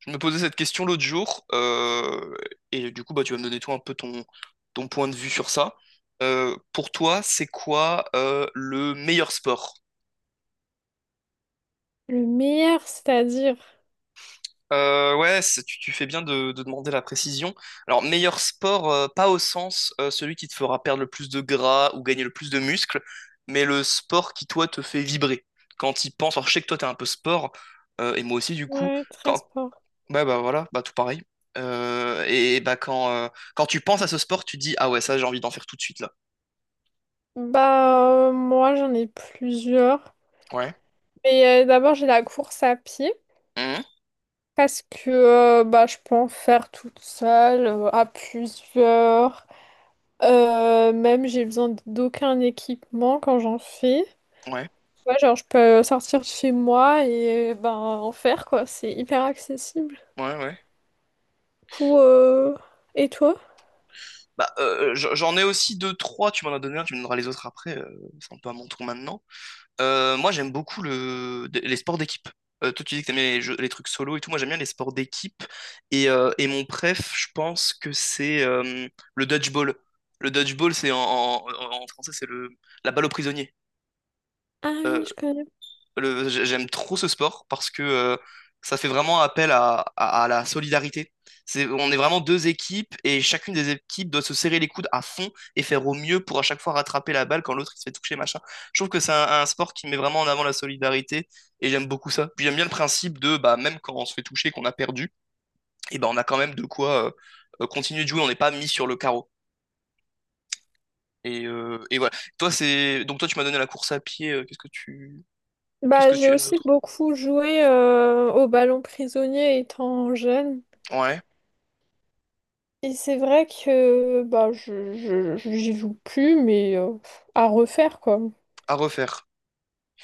Je me posais cette question l'autre jour, et du coup, bah, tu vas me donner toi un peu ton point de vue sur ça. Pour toi, c'est quoi le meilleur sport? Le meilleur, c'est-à-dire, Ouais, tu fais bien de demander la précision. Alors, meilleur sport, pas au sens celui qui te fera perdre le plus de gras ou gagner le plus de muscles, mais le sport qui, toi, te fait vibrer. Quand il pense, alors je sais que toi, t'es un peu sport, et moi aussi, du coup, ouais, très quand, sport. ouais, bah voilà, bah tout pareil. Euh, et bah quand, euh, quand tu penses à ce sport, tu dis, ah ouais, ça j'ai envie d'en faire tout de suite là. Moi, j'en ai plusieurs. Ouais. Mais d'abord, j'ai la course à pied Mhm. parce que je peux en faire toute seule, à plusieurs. Même, j'ai besoin d'aucun équipement quand j'en fais. Ouais, Ouais, genre, je peux sortir de chez moi et en faire, quoi. C'est hyper accessible. ouais, ouais. Pour, euh, Et toi? Bah j'en ai aussi deux, trois, tu m'en as donné un, tu me donneras les autres après, c'est un peu à mon tour maintenant. Moi j'aime beaucoup les sports d'équipe. Toi tu dis que t'aimes les trucs solo et tout, moi j'aime bien les sports d'équipe. Et mon préf, je pense que c'est le dodgeball. Le dodgeball, c'est en français, c'est le la balle au prisonnier. Ah oui, Euh, je connais. J'aime trop ce sport parce que ça fait vraiment appel à la solidarité. C'est, on est vraiment deux équipes et chacune des équipes doit se serrer les coudes à fond et faire au mieux pour à chaque fois rattraper la balle quand l'autre il se fait toucher, machin. Je trouve que c'est un sport qui met vraiment en avant la solidarité et j'aime beaucoup ça. Puis j'aime bien le principe de bah, même quand on se fait toucher, qu'on a perdu, et ben on a quand même de quoi continuer de jouer, on n'est pas mis sur le carreau. Et voilà. Toi, c'est... Donc toi, tu m'as donné la course à pied. Qu'est-ce que J'ai tu aimes aussi d'autre? beaucoup joué au ballon prisonnier étant jeune. Ouais, Et c'est vrai que j'y joue plus, mais à refaire quoi. à refaire.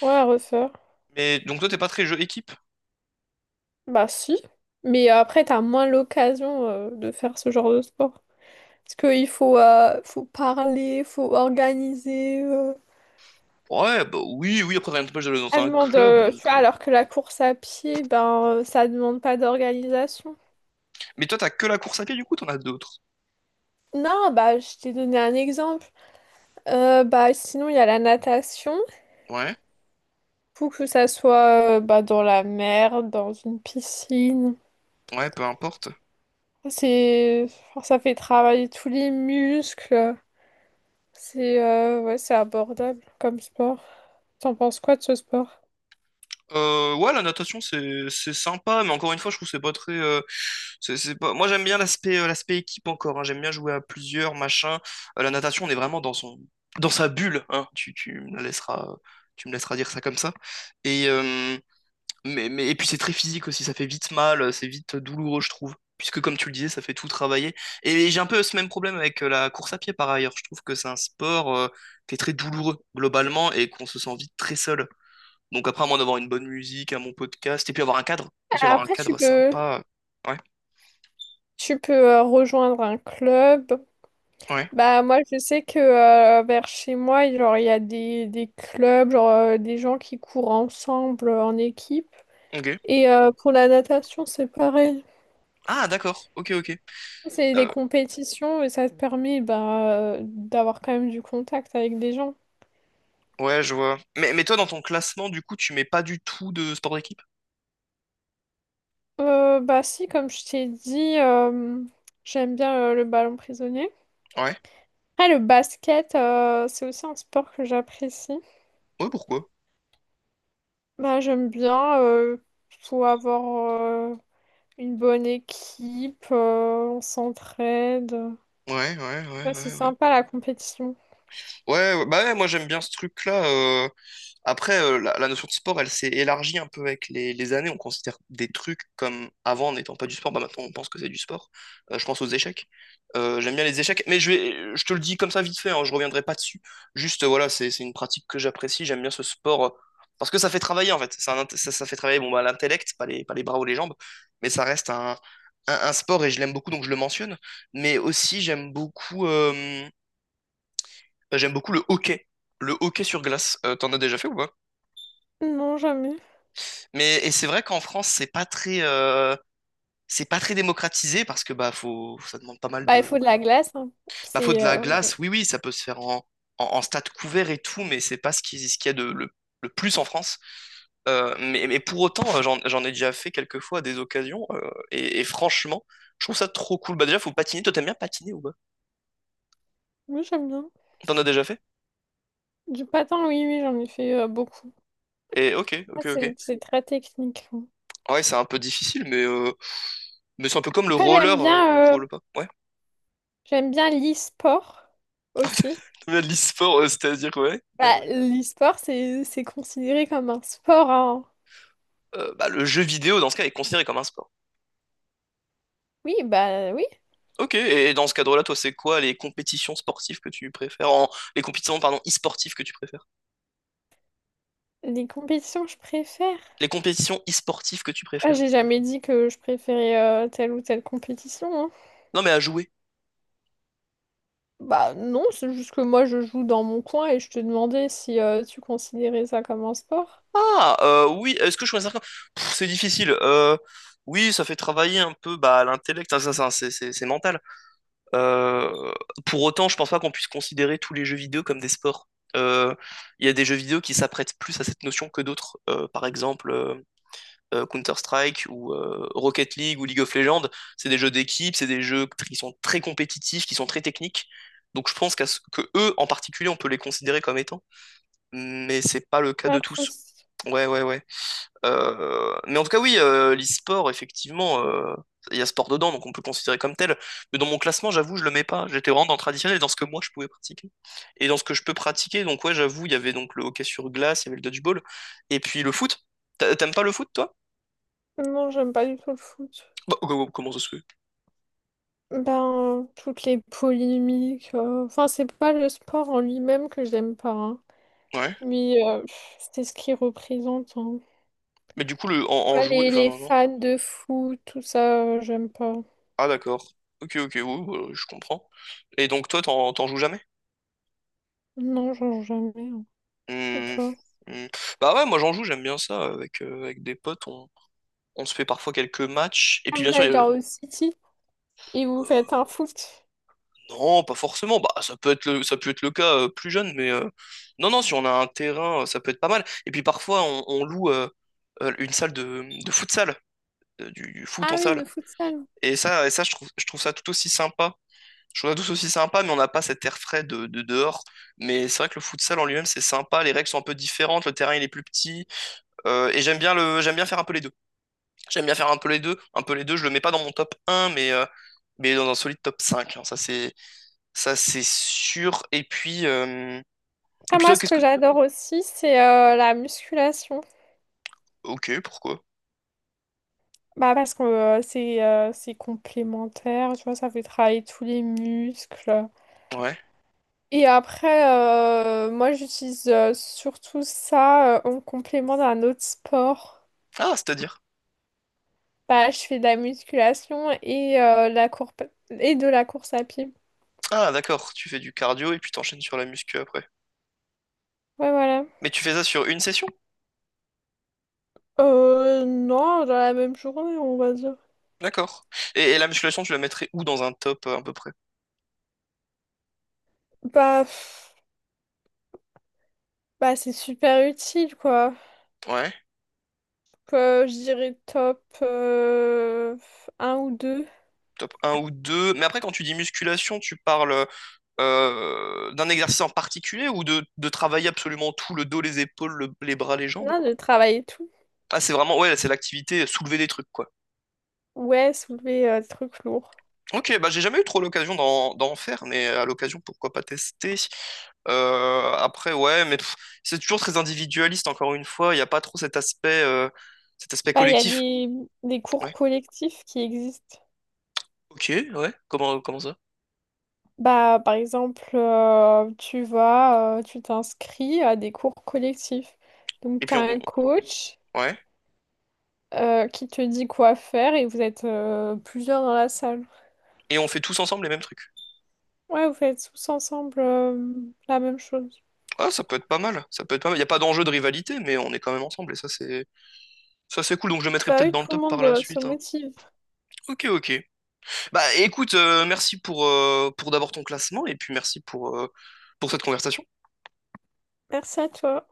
Ouais, à refaire. Mais donc toi, t'es pas très jeu équipe? Bah si. Mais après, t'as moins l'occasion de faire ce genre de sport. Parce qu'il faut parler, faut organiser. Ouais, bah oui, oui, après t'as une j'allais dans Ça un demande, club, tu donc... vois, euh. alors que la course à pied, ça demande pas d'organisation. Mais toi, t'as que la course à pied, du coup, t'en as d'autres. Non, bah, je t'ai donné un exemple. Sinon, il y a la natation. Ouais, Faut que ça soit dans la mer, dans une piscine. ouais, peu importe. C'est... enfin, ça fait travailler tous les muscles. C'est ouais, c'est abordable comme sport. T'en penses quoi de ce sport? Ouais, la natation, c'est sympa, mais encore une fois, je trouve que c'est pas très... c'est pas... Moi, j'aime bien l'aspect l'aspect équipe encore, hein. J'aime bien jouer à plusieurs, machin. La natation, on est vraiment dans son... dans sa bulle, hein. Tu me la laisseras... Tu me laisseras dire ça comme ça. Et, euh, mais, et puis c'est très physique aussi, ça fait vite mal, c'est vite douloureux, je trouve. Puisque comme tu le disais, ça fait tout travailler. Et j'ai un peu ce même problème avec la course à pied par ailleurs. Je trouve que c'est un sport qui est très douloureux globalement et qu'on se sent vite très seul. Donc après, à moins d'avoir une bonne musique, un bon podcast, et puis avoir un cadre, aussi avoir un Après, tu cadre peux, sympa. Ouais, tu peux rejoindre un club. ouais, Bah, moi, je sais que vers chez moi, il y a des clubs, genre, des gens qui courent ensemble en équipe. ok. Et pour la natation, c'est pareil. Ah d'accord, ok, ok. C'est des Euh, compétitions et ça te permet d'avoir quand même du contact avec des gens. ouais, je vois. Mais toi, dans ton classement, du coup, tu mets pas du tout de sport d'équipe? Bah si, comme je t'ai dit, j'aime bien le ballon prisonnier. Ouais. Après, le basket, c'est aussi un sport que j'apprécie. Ouais, pourquoi? Bah, j'aime bien, faut avoir euh, une bonne équipe, on s'entraide. Ouais, ouais, ouais, Ouais, c'est ouais, ouais. sympa la compétition. Ouais, ouais, bah ouais, moi j'aime bien ce truc-là. Après, la notion de sport, elle s'est élargie un peu avec les années. On considère des trucs comme avant n'étant pas du sport. Bah, maintenant, on pense que c'est du sport. Je pense aux échecs. J'aime bien les échecs, mais je vais, je te le dis comme ça vite fait, hein, je reviendrai pas dessus. Juste, voilà, c'est une pratique que j'apprécie. J'aime bien ce sport parce que ça fait travailler en fait. C'est un int- ça fait travailler bon, bah, l'intellect, pas les bras ou les jambes, mais ça reste un sport et je l'aime beaucoup donc je le mentionne. Mais aussi, j'aime beaucoup le hockey. Le hockey sur glace. T'en as déjà fait ou pas? Non, jamais. Mais et c'est vrai qu'en France, c'est pas très démocratisé parce que bah faut, ça demande pas mal Bah, il de, faut de la glace, hein. bah faut C'est... de la euh, glace. Oui, oui, ça peut se faire en stade couvert et tout, mais c'est pas ce qu'il y a le plus en France. Mais pour autant, j'en ai déjà fait quelques fois à des occasions et franchement, je trouve ça trop cool. Bah déjà, faut patiner. Toi, t'aimes bien patiner ou pas? Oui, j'aime bien. T'en as déjà fait? Du patin, oui, oui, j'en ai fait beaucoup. Et ok, Ah, ok, C'est ok. c'est très technique, hein. Ouais, c'est un peu difficile, mais c'est un peu comme le Après, roller, on ne roule pas. Ouais. j'aime bien l'e-sport aussi. T'aimes de l'e-sport, c'est-à-dire ouais. Bah, l'e-sport, c'est considéré comme un sport, hein. Bah, le jeu vidéo, dans ce cas, est considéré comme un sport. Oui, bah oui. Ok, et dans ce cadre-là, toi, c'est quoi les compétitions sportives que tu préfères? En- les compétitions, pardon, e-sportives que tu préfères? Les compétitions, je préfère. Les compétitions e-sportives que tu Ah, préfères? j'ai jamais dit que je préférais telle ou telle compétition, hein. Non, mais à jouer. Bah non, c'est juste que moi, je joue dans mon coin et je te demandais si tu considérais ça comme un sport. Ah, oui, est-ce que je considère comme... Pff, c'est difficile. Oui, ça fait travailler un peu bah, l'intellect, hein, c'est mental. Euh, Pour autant, je pense pas qu'on puisse considérer tous les jeux vidéo comme des sports. Euh, Il y a des jeux vidéo qui s'apprêtent plus à cette notion que d'autres. Par exemple... Counter-Strike ou Rocket League ou League of Legends, c'est des jeux d'équipe, c'est des jeux qui sont très compétitifs, qui sont très techniques. Donc je pense que eux en particulier, on peut les considérer comme étant, mais c'est pas le cas de Pas tous. tous. Ouais, ouais, ouais. Mais en tout cas, oui, l'e-sport, effectivement, il y a sport dedans, donc on peut le considérer comme tel. Mais dans mon classement, j'avoue, je le mets pas. J'étais vraiment dans le traditionnel, dans ce que moi je pouvais pratiquer. Et dans ce que je peux pratiquer, donc ouais, j'avoue, il y avait donc le hockey sur glace, il y avait le dodgeball, et puis le foot. T'a- T'aimes pas le foot, toi? Non, j'aime pas du tout le foot. Bah, oh, oh, oh, comment ça se fait? Ben, toutes les polémiques. Enfin, c'est pas le sport en lui-même que j'aime pas, hein. Ouais. Mais c'est ce qu'il représente, hein. Mais du coup, en Ouais, jouer. Enfin, les non. fans de foot, tout ça, j'aime pas. Ah, d'accord. Ok, ok, oui, oui, oui, je comprends. Et donc, toi, t'en joues jamais? Non, j'en joue jamais, hein. Et Hmm, toi? hmm. Bah ouais, moi, j'en joue, j'aime bien ça. Avec, avec des potes, on se fait parfois quelques matchs. Et Ah, puis, vous bien sûr, il y allez a le- genre au City et vous faites euh, un foot. non, pas forcément. Bah, ça peut être ça peut être le cas plus jeune, mais non, non, si on a un terrain, ça peut être pas mal. Et puis, parfois, on loue une salle de futsal, du foot en Ah oui, salle. de futsal. Et ça je trouve ça tout aussi sympa. Je trouve ça tous aussi sympa, mais on n'a pas cet air frais de dehors. Mais c'est vrai que le futsal en lui-même, c'est sympa. Les règles sont un peu différentes, le terrain il est plus petit. Et j'aime bien j'aime bien faire un peu les deux. J'aime bien faire un peu les deux. Un peu les deux, je le mets pas dans mon top un, mais dans un solide top 5. Hein. Ça, c'est sûr. Et Ah, puis moi, toi, ce qu'est-ce que que. j'adore aussi, c'est la musculation. Ok, pourquoi? Bah, parce que c'est complémentaire, tu vois, ça fait travailler tous les muscles. Ouais. Et après, moi, j'utilise surtout ça en complément d'un autre sport. Ah, c'est-à-dire. Bah, je fais de la musculation et la courbe et de la course à pied. Ah, d'accord. Tu fais du cardio et puis t'enchaînes sur la muscu après. Ouais, voilà. Mais tu fais ça sur une session? Non, dans la même journée, on va dire. D'accord. Et la musculation, tu la mettrais où dans un top à peu près? Bah, pff, Bah c'est super utile, quoi. Ouais. Je dirais top un ou deux. Top un ou 2, mais après, quand tu dis musculation, tu parles d'un exercice en particulier ou de travailler absolument tout, le dos, les épaules, les bras, les jambes? Non, de travailler tout. Ah, c'est vraiment, ouais, c'est l'activité soulever des trucs, quoi. Ouais, soulever des trucs lourds. Ok, bah j'ai jamais eu trop l'occasion d'en faire, mais à l'occasion, pourquoi pas tester? Après, ouais, mais pff, c'est toujours très individualiste, encore une fois. Il n'y a pas trop cet aspect Bah, il y a collectif. Des cours Ouais, collectifs qui existent. ok, ouais, comment, comment ça? Bah, par exemple, tu vas, tu t'inscris à des cours collectifs. Et Donc, tu puis, as on, un coach ouais. Qui te dit quoi faire et vous êtes plusieurs dans la salle. Et on fait tous ensemble les mêmes trucs. Ouais, vous faites tous ensemble la même chose. Ah, ça peut être pas mal. Ça peut être pas mal. Il n'y a pas d'enjeu de rivalité, mais on est quand même ensemble et ça c'est cool. Donc je le mettrai Bah peut-être oui, dans le tout le top par monde la se suite. Hein. motive. Ok, ok. Bah écoute, merci pour d'abord ton classement et puis merci pour cette conversation. Merci à toi.